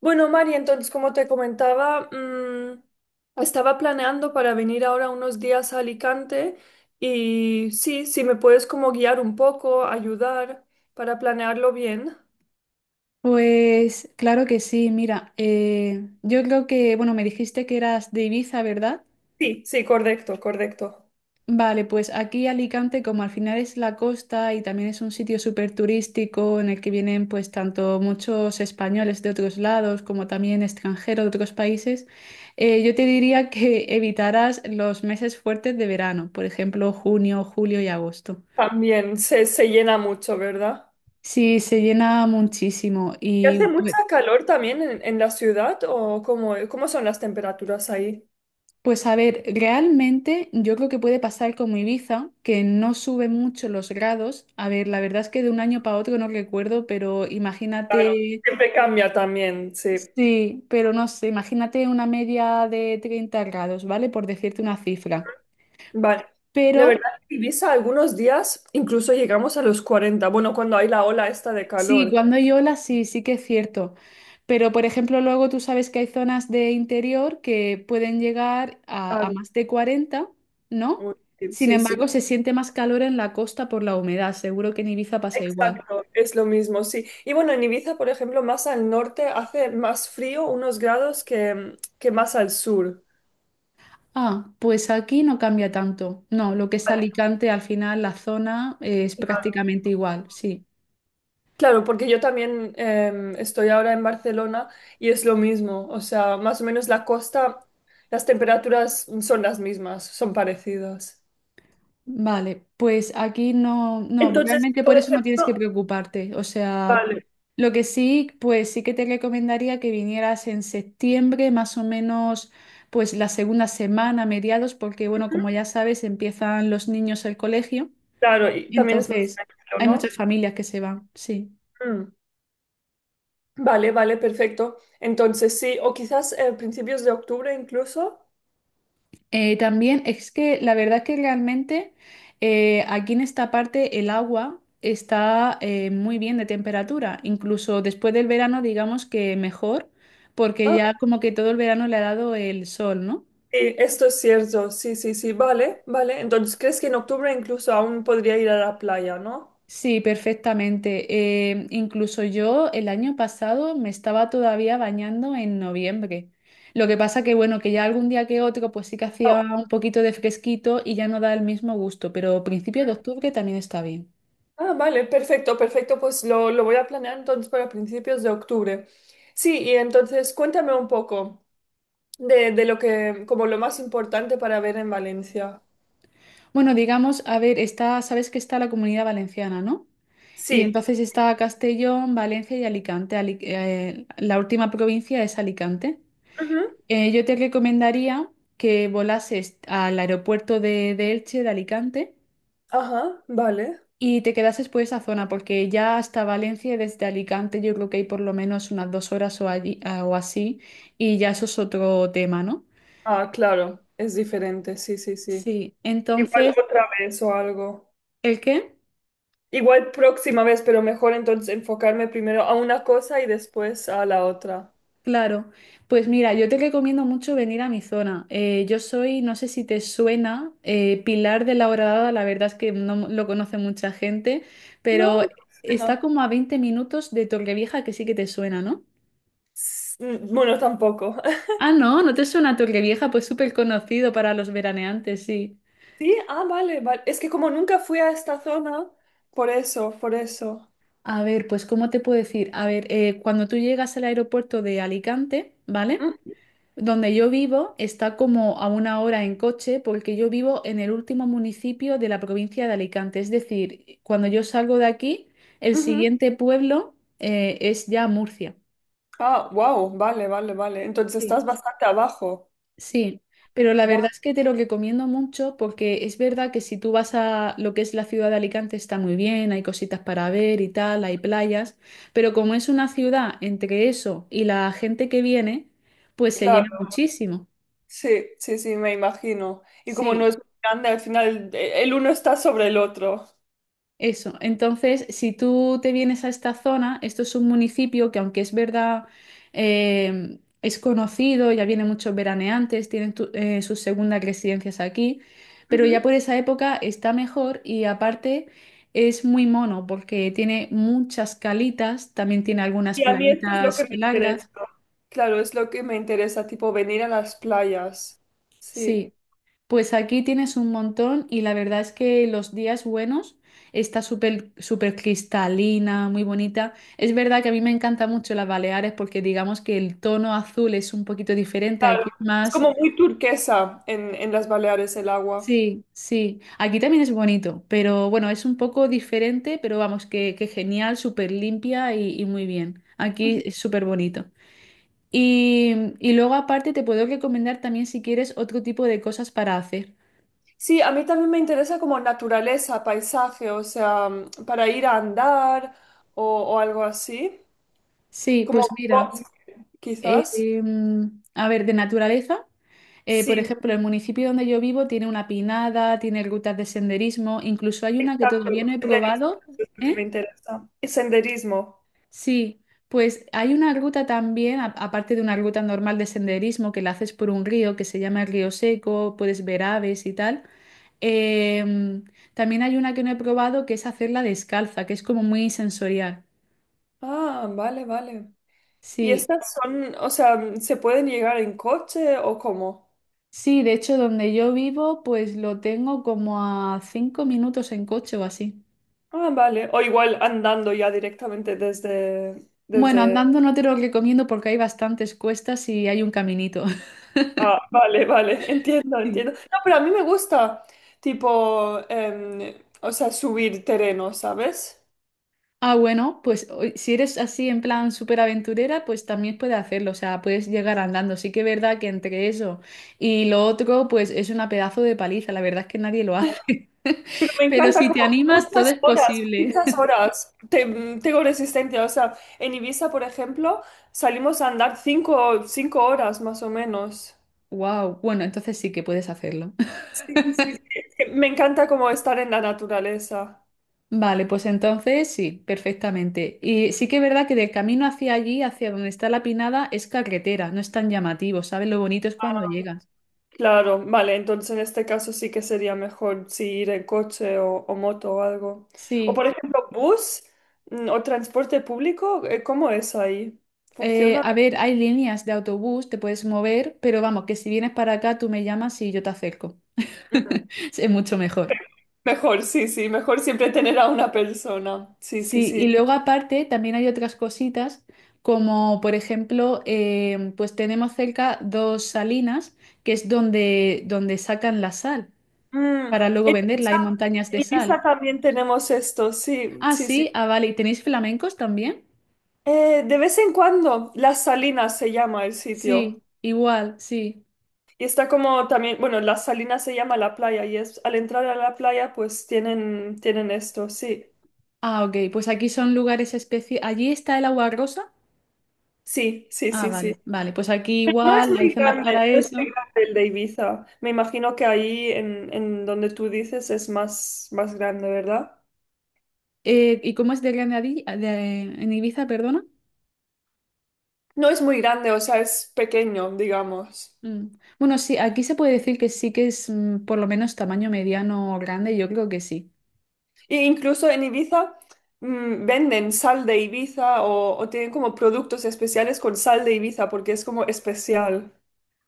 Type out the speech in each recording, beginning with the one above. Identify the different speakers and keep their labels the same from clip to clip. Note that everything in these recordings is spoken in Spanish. Speaker 1: Bueno, María. Entonces, como te comentaba, estaba planeando para venir ahora unos días a Alicante y sí, si me puedes como guiar un poco, ayudar para planearlo bien.
Speaker 2: Pues claro que sí, mira, yo creo que, bueno, me dijiste que eras de Ibiza, ¿verdad?
Speaker 1: Sí, sí, correcto, correcto.
Speaker 2: Vale, pues aquí Alicante, como al final es la costa y también es un sitio súper turístico en el que vienen pues tanto muchos españoles de otros lados como también extranjeros de otros países, yo te diría que evitaras los meses fuertes de verano, por ejemplo, junio, julio y agosto.
Speaker 1: También se llena mucho, ¿verdad?
Speaker 2: Sí, se llena muchísimo
Speaker 1: ¿Y hace
Speaker 2: y...
Speaker 1: mucha calor también en la ciudad o cómo son las temperaturas ahí?
Speaker 2: Pues a ver, realmente yo creo que puede pasar como Ibiza, que no sube mucho los grados. A ver, la verdad es que de un año para otro no recuerdo, pero
Speaker 1: Claro,
Speaker 2: imagínate,
Speaker 1: siempre cambia también, sí.
Speaker 2: sí, pero no sé, imagínate una media de 30 grados, ¿vale? Por decirte una cifra.
Speaker 1: Vale. La
Speaker 2: Pero
Speaker 1: verdad es que Ibiza algunos días incluso llegamos a los 40. Bueno, cuando hay la ola esta de
Speaker 2: sí,
Speaker 1: calor.
Speaker 2: cuando hay olas sí, sí que es cierto. Pero, por ejemplo, luego tú sabes que hay zonas de interior que pueden llegar a
Speaker 1: Claro.
Speaker 2: más de 40, ¿no?
Speaker 1: Uy.
Speaker 2: Sin
Speaker 1: Sí, sí.
Speaker 2: embargo, se siente más calor en la costa por la humedad. Seguro que en Ibiza pasa igual.
Speaker 1: Exacto, es lo mismo, sí. Y bueno, en Ibiza, por ejemplo, más al norte hace más frío unos grados que más al sur.
Speaker 2: Ah, pues aquí no cambia tanto. No, lo que es
Speaker 1: Vale.
Speaker 2: Alicante, al final la zona es
Speaker 1: Claro.
Speaker 2: prácticamente igual, sí.
Speaker 1: Claro, porque yo también estoy ahora en Barcelona y es lo mismo. O sea, más o menos la costa, las temperaturas son las mismas, son parecidas.
Speaker 2: Vale, pues aquí no, no,
Speaker 1: Entonces,
Speaker 2: realmente
Speaker 1: por
Speaker 2: por eso no tienes
Speaker 1: ejemplo,
Speaker 2: que preocuparte. O sea,
Speaker 1: vale.
Speaker 2: lo que sí, pues sí que te recomendaría que vinieras en septiembre, más o menos, pues la segunda semana, mediados, porque bueno, como ya sabes, empiezan los niños el colegio.
Speaker 1: Claro, y también es más
Speaker 2: Entonces,
Speaker 1: tranquilo,
Speaker 2: hay muchas
Speaker 1: ¿no?
Speaker 2: familias que se van, sí.
Speaker 1: Mm. Vale, vale, perfecto. Entonces sí, o quizás principios de octubre incluso.
Speaker 2: También es que la verdad que realmente aquí en esta parte el agua está muy bien de temperatura, incluso después del verano digamos que mejor, porque
Speaker 1: Ah,
Speaker 2: ya como que todo el verano le ha dado el sol, ¿no?
Speaker 1: sí, esto es cierto, sí, sí, sí, vale, vale. Entonces, ¿crees que en octubre incluso aún podría ir a la playa, ¿no?
Speaker 2: Sí, perfectamente. Incluso yo el año pasado me estaba todavía bañando en noviembre. Lo que pasa que bueno, que ya algún día que otro pues sí que hacía
Speaker 1: Oh.
Speaker 2: un poquito de fresquito y ya no da el mismo gusto, pero principio de octubre también está bien.
Speaker 1: Ah, vale, perfecto, perfecto. Pues lo voy a planear entonces para principios de octubre. Sí, y entonces cuéntame un poco de lo que, como lo más importante para ver en Valencia.
Speaker 2: Bueno, digamos, a ver, está, sabes que está la Comunidad Valenciana, ¿no? Y
Speaker 1: Sí.
Speaker 2: entonces está Castellón, Valencia y Alicante. La última provincia es Alicante.
Speaker 1: Ujú.
Speaker 2: Yo te recomendaría que volases al aeropuerto de Elche, de Alicante,
Speaker 1: Ajá, vale.
Speaker 2: y te quedases por esa zona, porque ya hasta Valencia, desde Alicante, yo creo que hay por lo menos unas 2 horas o, allí, ah, o así, y ya eso es otro tema, ¿no?
Speaker 1: Ah, claro, es diferente, sí, sí, sí.
Speaker 2: Sí,
Speaker 1: Igual
Speaker 2: entonces,
Speaker 1: otra vez o algo.
Speaker 2: ¿el qué?
Speaker 1: Igual próxima vez, pero mejor entonces enfocarme primero a una cosa y después a la otra.
Speaker 2: Claro, pues mira, yo te recomiendo mucho venir a mi zona. Yo soy, no sé si te suena, Pilar de la Horadada, la verdad es que no lo conoce mucha gente,
Speaker 1: No,
Speaker 2: pero
Speaker 1: no,
Speaker 2: está
Speaker 1: no.
Speaker 2: como a 20 minutos de Torrevieja, que sí que te suena, ¿no?
Speaker 1: Bueno, tampoco.
Speaker 2: Ah, no, ¿no te suena Torrevieja? Pues súper conocido para los veraneantes, sí.
Speaker 1: Sí, ah, vale, vale. Es que como nunca fui a esta zona, por eso, por eso.
Speaker 2: A ver, pues ¿cómo te puedo decir? A ver, cuando tú llegas al aeropuerto de Alicante, ¿vale?
Speaker 1: Mm,
Speaker 2: Donde yo vivo está como a una hora en coche porque yo vivo en el último municipio de la provincia de Alicante. Es decir, cuando yo salgo de aquí, el
Speaker 1: ujú.
Speaker 2: siguiente pueblo es ya Murcia.
Speaker 1: Ah, wow, vale, vale, vale. Entonces
Speaker 2: Sí.
Speaker 1: estás bastante abajo.
Speaker 2: Sí, pero la
Speaker 1: Va,
Speaker 2: verdad es que te lo recomiendo mucho porque es verdad que si tú vas a lo que es la ciudad de Alicante está muy bien, hay cositas para ver y tal, hay playas, pero como es una ciudad entre eso y la gente que viene, pues se llena
Speaker 1: claro.
Speaker 2: muchísimo.
Speaker 1: Sí, sí, sí, me imagino. Y como no
Speaker 2: Sí.
Speaker 1: es muy grande, al final el uno está sobre el otro.
Speaker 2: Eso, entonces, si tú te vienes a esta zona, esto es un municipio que aunque es verdad, es conocido, ya vienen muchos veraneantes, tienen sus segundas residencias aquí, pero ya por esa época está mejor y aparte es muy mono porque tiene muchas calitas, también tiene algunas
Speaker 1: Y a mí esto es lo que
Speaker 2: playitas
Speaker 1: me interesa.
Speaker 2: largas,
Speaker 1: Claro, es lo que me interesa, tipo venir a las playas. Sí,
Speaker 2: sí. Pues aquí tienes un montón y la verdad es que los días buenos está súper súper cristalina, muy bonita. Es verdad que a mí me encanta mucho las Baleares porque digamos que el tono azul es un poquito diferente,
Speaker 1: claro.
Speaker 2: aquí es
Speaker 1: Es
Speaker 2: más...
Speaker 1: como muy turquesa en las Baleares el agua.
Speaker 2: Sí, sí, aquí también es bonito, pero bueno, es un poco diferente, pero vamos, que genial, súper limpia y muy bien. Aquí
Speaker 1: Ujú.
Speaker 2: es súper bonito. Y y luego aparte te puedo recomendar también si quieres otro tipo de cosas para hacer.
Speaker 1: Sí, a mí también me interesa como naturaleza, paisaje, o sea, para ir a andar o algo así.
Speaker 2: Sí,
Speaker 1: Como
Speaker 2: pues mira.
Speaker 1: bosque, quizás.
Speaker 2: A ver, de naturaleza. Por
Speaker 1: Sí,
Speaker 2: ejemplo, el municipio donde yo vivo tiene una pinada, tiene rutas de senderismo, incluso hay una que
Speaker 1: exacto.
Speaker 2: todavía no he
Speaker 1: Senderismo
Speaker 2: probado.
Speaker 1: es lo que me
Speaker 2: ¿Eh?
Speaker 1: interesa. Y senderismo.
Speaker 2: Sí, pues hay una ruta también, aparte de una ruta normal de senderismo que la haces por un río que se llama el Río Seco, puedes ver aves y tal. Em, también hay una que no he probado que es hacerla descalza, que es como muy sensorial.
Speaker 1: Ah, vale, vale. ¿Y
Speaker 2: Sí.
Speaker 1: estas son, o sea, se pueden llegar en coche o cómo?
Speaker 2: Sí, de hecho, donde yo vivo, pues lo tengo como a 5 minutos en coche o así.
Speaker 1: Ah, vale. O igual andando ya directamente desde, desde...
Speaker 2: Bueno, andando no te lo recomiendo porque hay bastantes cuestas y hay un caminito.
Speaker 1: Ah, vale, vale, entiendo,
Speaker 2: Sí.
Speaker 1: entiendo. No, pero a mí me gusta, tipo, o sea, subir terreno, ¿sabes?
Speaker 2: Ah, bueno, pues si eres así en plan súper aventurera, pues también puedes hacerlo, o sea, puedes llegar andando. Sí que es verdad que entre eso y lo otro, pues es una pedazo de paliza, la verdad es que nadie lo hace.
Speaker 1: Pero me
Speaker 2: Pero
Speaker 1: encanta
Speaker 2: si
Speaker 1: como
Speaker 2: te animas, todo
Speaker 1: muchas
Speaker 2: es
Speaker 1: horas,
Speaker 2: posible.
Speaker 1: muchas horas. Tengo resistencia, o sea, en Ibiza, por ejemplo, salimos a andar 5 horas más o menos.
Speaker 2: Wow, bueno, entonces sí que puedes hacerlo.
Speaker 1: Sí, sí, sí. Es que me encanta como estar en la naturaleza.
Speaker 2: Vale, pues entonces sí, perfectamente. Y sí que es verdad que del camino hacia allí, hacia donde está la Pinada, es carretera, no es tan llamativo, ¿sabes? Lo bonito es cuando llegas.
Speaker 1: Claro, vale, entonces en este caso sí que sería mejor si ir en coche o moto o algo. O
Speaker 2: Sí,
Speaker 1: por ejemplo, bus, o transporte público, ¿cómo es ahí? ¿Funciona?
Speaker 2: a ver, hay líneas de autobús, te puedes mover, pero vamos, que si vienes para acá, tú me llamas y yo te acerco.
Speaker 1: Mm,
Speaker 2: Es mucho mejor.
Speaker 1: mejor, sí, sí, mejor siempre tener a una persona. Sí, sí,
Speaker 2: Sí, y
Speaker 1: sí.
Speaker 2: luego aparte también hay otras cositas, como por ejemplo, pues tenemos cerca dos salinas, que es donde, sacan la sal,
Speaker 1: Mm,
Speaker 2: para luego
Speaker 1: en
Speaker 2: venderla.
Speaker 1: Ibiza,
Speaker 2: Hay montañas de
Speaker 1: en Ibiza
Speaker 2: sal.
Speaker 1: también tenemos esto, sí,
Speaker 2: Ah,
Speaker 1: sí, sí.
Speaker 2: sí, ah, vale. ¿Y tenéis flamencos también?
Speaker 1: De vez en cuando, Las Salinas se llama el sitio.
Speaker 2: Sí, igual, sí.
Speaker 1: Y está como también, bueno, Las Salinas se llama la playa y es al entrar a la playa pues tienen, tienen esto, sí.
Speaker 2: Ah, ok, pues aquí son lugares especiales. ¿Allí está el agua rosa?
Speaker 1: Sí, sí,
Speaker 2: Ah,
Speaker 1: sí, sí.
Speaker 2: vale, vale. Pues aquí
Speaker 1: No es
Speaker 2: igual hay
Speaker 1: muy
Speaker 2: zonas
Speaker 1: grande,
Speaker 2: para
Speaker 1: no es muy
Speaker 2: eso.
Speaker 1: grande el de Ibiza. Me imagino que ahí en donde tú dices es más, más grande, ¿verdad?
Speaker 2: ¿Y cómo es de grande en Ibiza, perdona?
Speaker 1: No es muy grande, o sea, es pequeño, digamos.
Speaker 2: Mm. Bueno, sí, aquí se puede decir que sí que es por lo menos tamaño mediano o grande, yo creo que sí.
Speaker 1: E incluso en Ibiza venden sal de Ibiza o tienen como productos especiales con sal de Ibiza porque es como especial.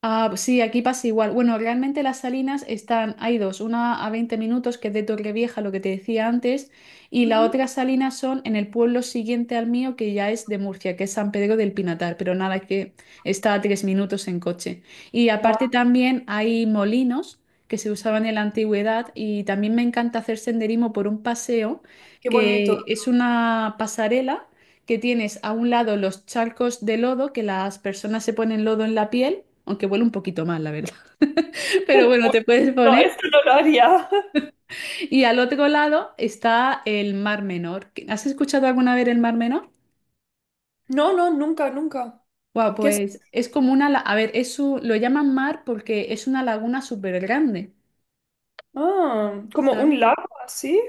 Speaker 2: Ah, sí, aquí pasa igual. Bueno, realmente las salinas están, hay dos, una a 20 minutos, que es de Torrevieja, lo que te decía antes, y la
Speaker 1: Ujú.
Speaker 2: otra salina son en el pueblo siguiente al mío, que ya es de Murcia, que es San Pedro del Pinatar, pero nada, que está a 3 minutos en coche. Y
Speaker 1: Va.
Speaker 2: aparte también hay molinos que se usaban en la antigüedad y también me encanta hacer senderismo por un paseo,
Speaker 1: Qué bonito.
Speaker 2: que es una pasarela que tienes a un lado los charcos de lodo, que las personas se ponen lodo en la piel, aunque huele un poquito mal, la verdad. Pero bueno, te puedes
Speaker 1: No,
Speaker 2: poner.
Speaker 1: esto no lo haría.
Speaker 2: Y al otro lado está el Mar Menor. ¿Has escuchado alguna vez el Mar Menor?
Speaker 1: No, no, nunca, nunca.
Speaker 2: Wow,
Speaker 1: ¿Qué es?
Speaker 2: pues es como una, a ver, lo llaman mar porque es una laguna súper grande,
Speaker 1: Ah, como
Speaker 2: ¿sabes?
Speaker 1: un lago así.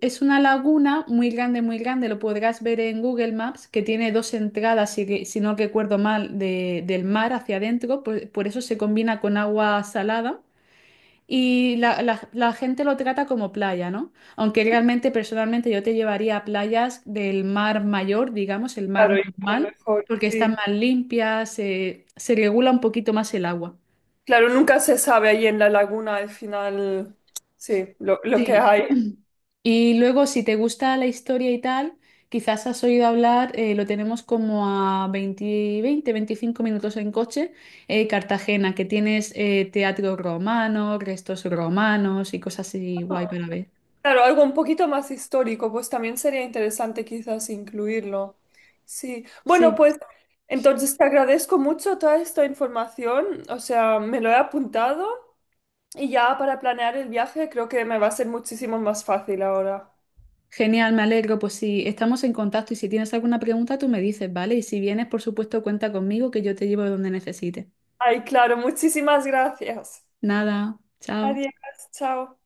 Speaker 2: Es una laguna muy grande, lo podrás ver en Google Maps, que tiene dos entradas, si, si no recuerdo mal, del mar hacia adentro, por eso se combina con agua salada y la gente lo trata como playa, ¿no? Aunque realmente personalmente yo te llevaría a playas del mar mayor, digamos, el mar
Speaker 1: Claro, igual
Speaker 2: normal,
Speaker 1: mejor,
Speaker 2: porque están
Speaker 1: sí.
Speaker 2: más limpias, se regula un poquito más el agua.
Speaker 1: Claro, nunca se sabe ahí en la laguna al final, sí, lo que
Speaker 2: Sí.
Speaker 1: hay.
Speaker 2: Y luego, si te gusta la historia y tal, quizás has oído hablar, lo tenemos como a 20, 20, 25 minutos en coche, Cartagena, que tienes teatro romano, restos romanos y cosas así guay para ver.
Speaker 1: Claro, algo un poquito más histórico, pues también sería interesante quizás incluirlo. Sí, bueno,
Speaker 2: Sí,
Speaker 1: pues entonces te agradezco mucho toda esta información, o sea, me lo he apuntado y ya para planear el viaje creo que me va a ser muchísimo más fácil ahora.
Speaker 2: genial, me alegro. Pues si estamos en contacto y si tienes alguna pregunta, tú me dices, ¿vale? Y si vienes, por supuesto, cuenta conmigo que yo te llevo donde necesites.
Speaker 1: Ay, claro, muchísimas gracias.
Speaker 2: Nada, chao.
Speaker 1: Adiós, chao.